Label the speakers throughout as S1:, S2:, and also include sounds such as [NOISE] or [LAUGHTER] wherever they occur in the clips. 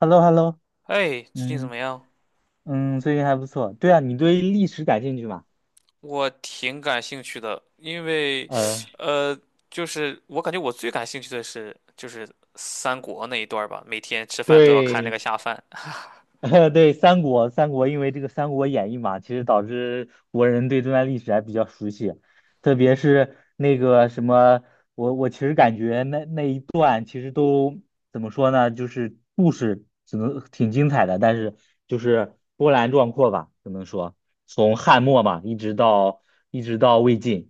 S1: Hello, hello。
S2: 哎，最近怎
S1: 嗯
S2: 么样？
S1: 嗯，最近还不错。对啊，你对历史感兴趣吗？
S2: 我挺感兴趣的，因为，
S1: 呃，
S2: 呃，就是我感觉我最感兴趣的是就是三国那一段儿吧，每天吃饭都要看那
S1: 对，
S2: 个下饭。
S1: [LAUGHS] 对，三国，三国，因为这个《三国演义》嘛，其实导致国人对这段历史还比较熟悉，特别是那个什么，我其实感觉那一段其实都怎么说呢，就是故事只能挺精彩的，但是就是波澜壮阔吧，只能说从汉末嘛，一直到魏晋。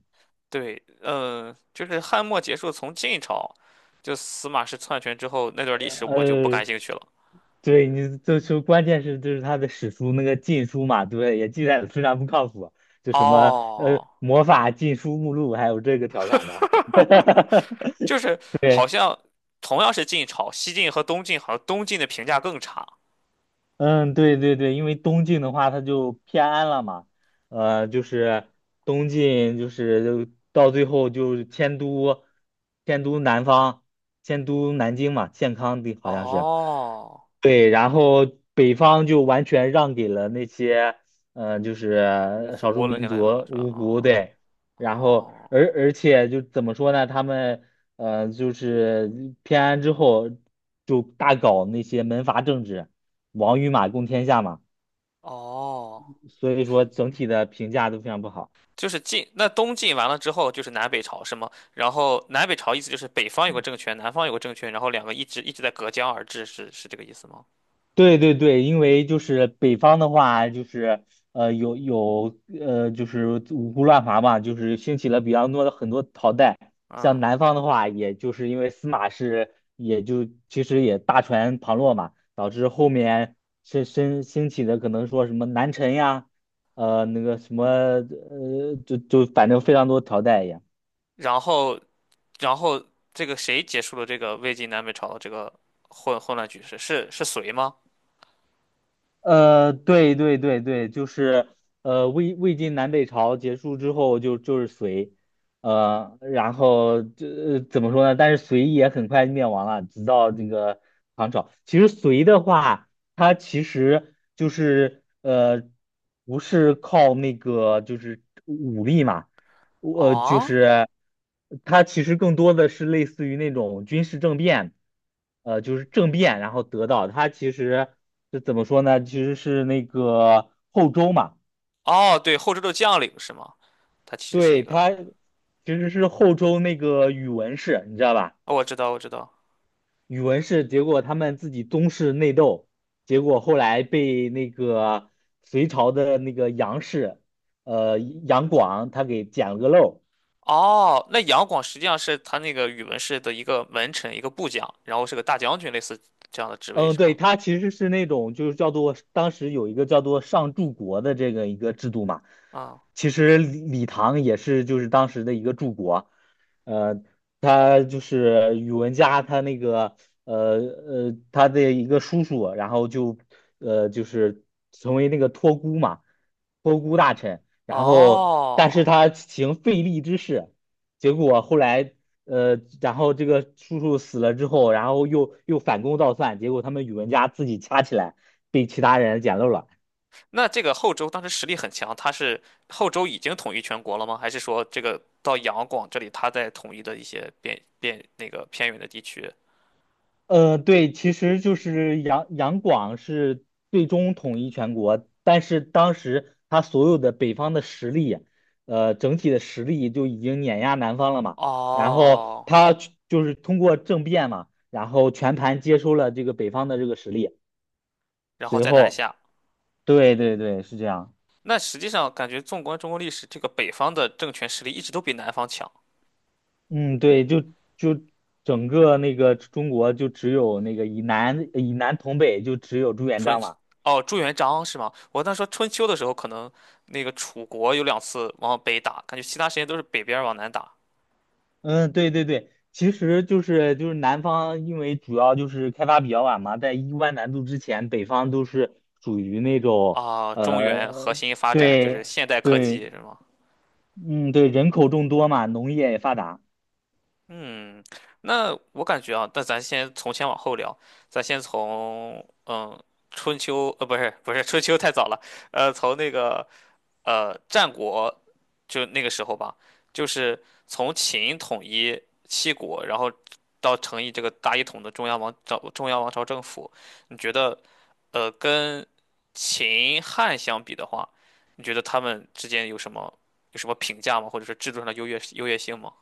S2: 对，嗯，就是汉末结束，从晋朝就司马氏篡权之后那段历史我就不
S1: 呃，
S2: 感兴趣了。
S1: 对你就说，关键是就是他的史书那个禁书嘛，对，也记载的非常不靠谱，就什么
S2: 哦，
S1: 魔法禁书目录，还有这个调侃的，
S2: [LAUGHS] 就是
S1: [LAUGHS]
S2: 好
S1: 对。
S2: 像同样是晋朝，西晋和东晋好像东晋的评价更差。
S1: 嗯，对对对，因为东晋的话，它就偏安了嘛，就是东晋就是到最后就是迁都，迁都南方，迁都南京嘛，建康的好像是，
S2: 哦，
S1: 对，然后北方就完全让给了那些，就
S2: 我
S1: 是少数
S2: 胡乱
S1: 民
S2: 七
S1: 族
S2: 八糟的是吧？
S1: 芜湖，
S2: 哦
S1: 对，然后
S2: 哦。
S1: 而且就怎么说呢，他们就是偏安之后就大搞那些门阀政治。王与马共天下嘛，
S2: 哦，
S1: 所以说整体的评价都非常不好。
S2: 就是晋，那东晋完了之后就是南北朝是吗？然后南北朝意思就是北方有个政权，南方有个政权，然后两个一直在隔江而治，是这个意思吗？
S1: 对对对，因为就是北方的话，就是有五胡乱华嘛，就是兴起了比较多的很多朝代。像
S2: 嗯，
S1: 南方的话，也就是因为司马氏也就其实也大权旁落嘛，导致后面是兴起的可能说什么南陈呀，那个什么就反正非常多朝代一样。
S2: 然后然后这个谁结束了这个魏晋南北朝的这个混乱局势？是隋吗？
S1: 对对对对，就是魏晋南北朝结束之后就是隋，然后怎么说呢？但是隋也很快灭亡了，直到那个唐朝。其实隋的话，它其实就是不是靠那个就是武力嘛，我就
S2: 哦
S1: 是它其实更多的是类似于那种军事政变，就是政变，然后得到它其实是怎么说呢？其实是那个后周嘛，
S2: 哦，对，后周的将领是吗？他其实是一
S1: 对，
S2: 个，
S1: 它其实是后周那个宇文氏，你知道吧？
S2: 哦我知道我知道。
S1: 宇文氏结果他们自己宗室内斗，结果后来被那个隋朝的那个杨氏，杨广他给捡了个漏儿。
S2: 哦，那杨广实际上是他那个宇文氏的一个门臣，一个部将，然后是个大将军，类似这样的职位
S1: 嗯，
S2: 是
S1: 对，
S2: 吗？
S1: 它其实是那种就是叫做当时有一个叫做上柱国的这个一个制度嘛，
S2: 啊，
S1: 其实李唐也是就是当时的一个柱国，呃，他就是宇文家他那个他的一个叔叔，然后就是成为那个托孤嘛，托孤大臣，然后但是
S2: 哦，
S1: 他行废立之事，结果后来然后这个叔叔死了之后，然后又反攻倒算，结果他们宇文家自己掐起来，被其他人捡漏了。
S2: 那这个后周当时实力很强，他是后周已经统一全国了吗？还是说这个到杨广这里，他在统一的一些边边那个偏远的地区？
S1: 对，其实就是杨广是最终统一全国，但是当时他所有的北方的实力，整体的实力就已经碾压南方了嘛。然后
S2: 哦，
S1: 他去就是通过政变嘛，然后全盘接收了这个北方的这个实力。
S2: 然后
S1: 随
S2: 再南
S1: 后，
S2: 下。
S1: 对对对，是这样。
S2: 那实际上感觉纵观中国历史，这个北方的政权实力一直都比南方强。
S1: 嗯，对，就整个那个中国就只有那个以南统北，就只有朱元
S2: 春
S1: 璋
S2: 秋
S1: 嘛。
S2: 哦，朱元璋是吗？我当时说春秋的时候，可能那个楚国有两次往北打，感觉其他时间都是北边儿往南打
S1: 嗯，对对对，其实就是南方，因为主要就是开发比较晚嘛，在一万南渡之前，北方都是属于那种
S2: 啊。中
S1: 呃，
S2: 原核心发展就是
S1: 对
S2: 现代科技
S1: 对，
S2: 是吗？
S1: 嗯，对，人口众多嘛，农业也发达。
S2: 嗯，那我感觉啊，那咱先从前往后聊，咱先从嗯春秋不是春秋太早了，从那个战国就那个时候吧，就是从秦统一七国，然后到成立这个大一统的中央王朝政府，你觉得跟秦汉相比的话，你觉得他们之间有什么有什么评价吗？或者是制度上的优越性吗？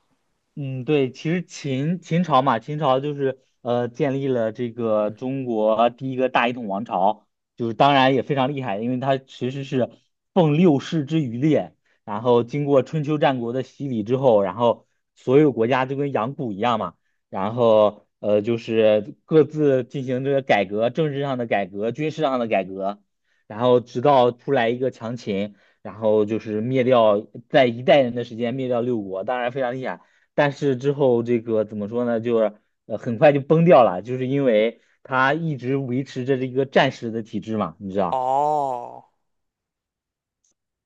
S1: 嗯，对，其实秦朝嘛，秦朝就是建立了这个中国第一个大一统王朝，就是当然也非常厉害，因为它其实是奉六世之余烈，然后经过春秋战国的洗礼之后，然后所有国家就跟养蛊一样嘛，然后就是各自进行这个改革，政治上的改革，军事上的改革，然后直到出来一个强秦，然后就是灭掉在一代人的时间灭掉六国，当然非常厉害。但是之后这个怎么说呢，就是很快就崩掉了，就是因为它一直维持着这个战时的体制嘛，你知道？
S2: 哦，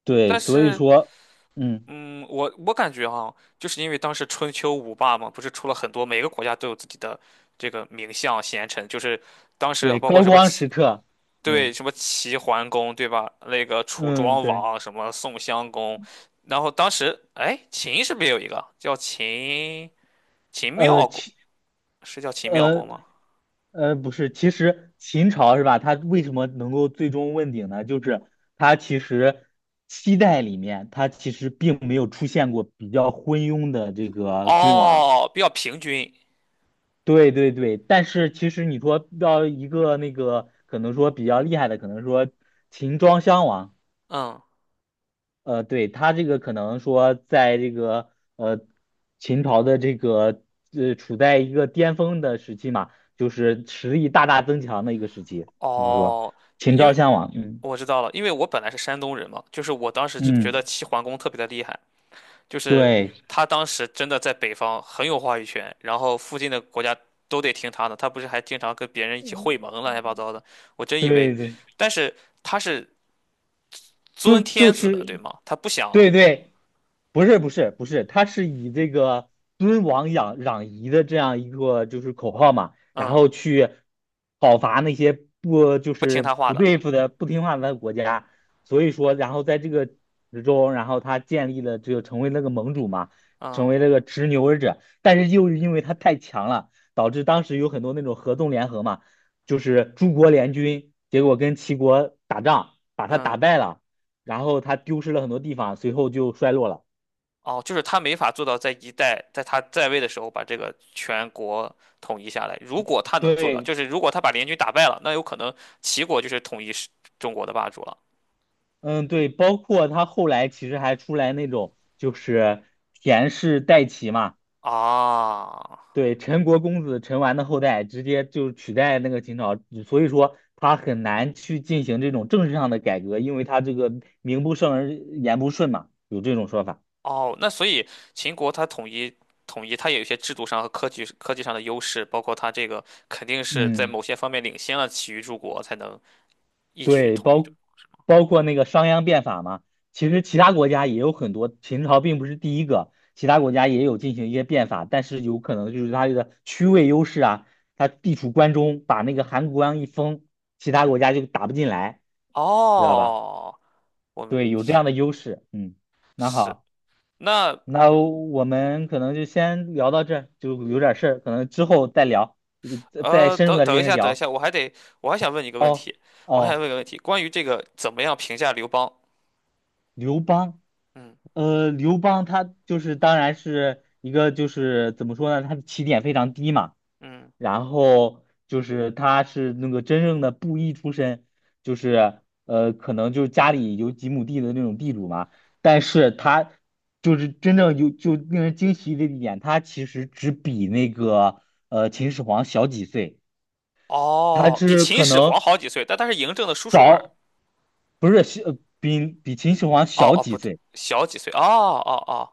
S1: 对，
S2: 但
S1: 所以
S2: 是。
S1: 说，嗯，
S2: 嗯，我感觉哈，就是因为当时春秋五霸嘛，不是出了很多，每个国家都有自己的这个名相贤臣，就是当时
S1: 对，
S2: 包括
S1: 高
S2: 什么
S1: 光
S2: 齐，
S1: 时刻，
S2: 对，
S1: 嗯
S2: 什么齐桓公，对吧？那个楚
S1: 嗯，
S2: 庄
S1: 对，
S2: 王，什么宋襄公，然后当时哎，秦是不是也有一个叫秦
S1: 呃，
S2: 妙公？
S1: 其
S2: 是叫秦妙公
S1: 呃
S2: 吗？
S1: 不是，其实秦朝是吧？它为什么能够最终问鼎呢？就是它其实7代里面，它其实并没有出现过比较昏庸的这个君王。
S2: 哦，比较平均，
S1: 对对对，但是其实你说要一个那个，可能说比较厉害的，可能说秦庄襄王，
S2: 嗯，
S1: 对他这个可能说在这个呃秦朝的这个处在一个巅峰的时期嘛，就是实力大大增强的一个时期，怎么说
S2: 哦，
S1: 秦
S2: 因
S1: 昭
S2: 为
S1: 襄王，嗯
S2: 我知道了，因为我本来是山东人嘛，就是我当时就觉得
S1: 嗯，
S2: 齐桓公特别的厉害。就是
S1: 对
S2: 他当时真的在北方很有话语权，然后附近的国家都得听他的。他不是还经常跟别人一起会盟啊，乱七八糟的。我真以为，
S1: 对对。
S2: 但是他是
S1: 就
S2: 尊天
S1: 就
S2: 子的，
S1: 是，
S2: 对吗？他不
S1: 对
S2: 想，
S1: 对，不是不是不是，他是以这个尊王攘夷的这样一个就是口号嘛，然
S2: 嗯，
S1: 后去讨伐那些不就
S2: 不听他
S1: 是
S2: 话
S1: 不
S2: 的，
S1: 对付的不听话的国家，所以说，然后在这个之中，然后他建立了这个成为那个盟主嘛，成
S2: 嗯
S1: 为那个执牛耳者，但是又是因为他太强了，导致当时有很多那种合纵联合嘛，就是诸国联军，结果跟齐国打仗，把他打
S2: 嗯，
S1: 败了。然后他丢失了很多地方，随后就衰落了。
S2: 哦，就是他没法做到在一代在他在位的时候把这个全国统一下来。如果他能做到，
S1: 对，
S2: 就是如果他把联军打败了，那有可能齐国就是统一世中国的霸主了
S1: 嗯，对，包括他后来其实还出来那种就是田氏代齐嘛，
S2: 啊。
S1: 对，陈国公子陈完的后代直接就取代那个秦朝，所以说他很难去进行这种政治上的改革，因为他这个名不正而言不顺嘛，有这种说法。
S2: 哦，那所以秦国它统一，它也有一些制度上和科技上的优势，包括它这个肯定是在
S1: 嗯。
S2: 某些方面领先了其余诸国，才能一举
S1: 对，
S2: 统一住
S1: 包括那个商鞅变法嘛，其实其他国家也有很多，秦朝并不是第一个，其他国家也有进行一些变法，但是有可能就是它这个区位优势啊，它地处关中，把那个函谷关一封，其他国家就打不进来，知道吧？
S2: 哦，我们
S1: 对，有这样的优势。嗯，那
S2: 是
S1: 好，
S2: 那
S1: 那我们可能就先聊到这儿，就有点事儿，可能之后再聊，再深入
S2: 等
S1: 的
S2: 等
S1: 进
S2: 一
S1: 行
S2: 下，等一
S1: 聊。
S2: 下，我还得我还想问你一个问
S1: 哦
S2: 题，我还想
S1: 哦，
S2: 问一个问题，关于这个怎么样评价刘邦？
S1: 刘邦。
S2: 嗯
S1: 刘邦他就是当然是一个就是怎么说呢，他的起点非常低嘛，
S2: 嗯，
S1: 然后就是他是那个真正的布衣出身，就是可能就是家里有几亩地的那种地主嘛，但是他就是真正有就令人惊奇的一点，他其实只比那个秦始皇小几岁，他
S2: 哦，比
S1: 是
S2: 秦
S1: 可
S2: 始皇
S1: 能
S2: 好几岁，但他是嬴政的叔叔吧？
S1: 早不是小比秦始皇
S2: 哦
S1: 小
S2: 哦，
S1: 几
S2: 不对，
S1: 岁。
S2: 小几岁？哦哦哦。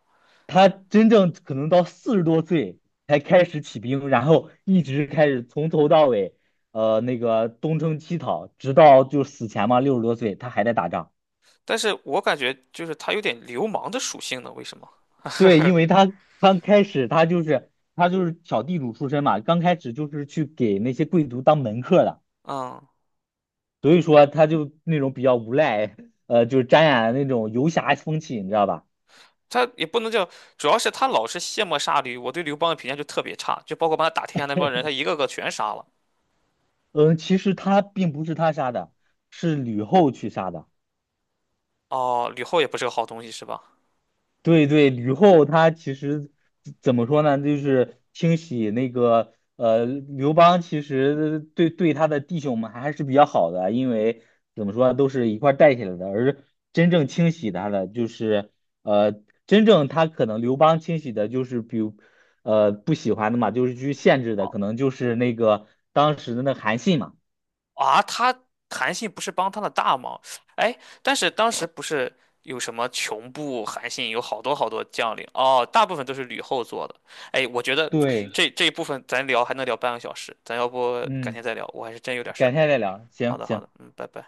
S1: 他真正可能到40多岁才开始起兵，然后一直开始从头到尾，那个东征西讨，直到就死前嘛，60多岁他还在打仗。
S2: 但是我感觉就是他有点流氓的属性呢，为什么？
S1: 对，
S2: [LAUGHS]
S1: 因为他刚开始他就是小地主出身嘛，刚开始就是去给那些贵族当门客的，
S2: 嗯，
S1: 所以说他就那种比较无赖，就是沾染那种游侠风气，你知道吧？
S2: 他也不能叫，主要是他老是卸磨杀驴，我对刘邦的评价就特别差，就包括帮他打天下那帮人，他一个个全杀了。
S1: 嗯，其实他并不是他杀的，是吕后去杀的。
S2: 哦，吕后也不是个好东西，是吧？
S1: 对对，吕后她其实怎么说呢？就是清洗那个刘邦，其实对他的弟兄们还是比较好的啊，因为怎么说都是一块儿带起来的。而真正清洗他的，就是呃真正他可能刘邦清洗的，就是比如不喜欢的嘛，就是去限制的，可能就是那个当时的那韩信嘛。
S2: 啊，他韩信不是帮他的大忙，哎，但是当时不是有什么穷部、韩信有好多好多将领，哦，大部分都是吕后做的。哎，我觉得
S1: 对，
S2: 这一部分咱聊还能聊半个小时，咱要不改天
S1: 嗯，
S2: 再聊，我还是真有点事儿。
S1: 改天再聊，
S2: 好
S1: 行
S2: 的，好
S1: 行。
S2: 的，嗯，拜拜。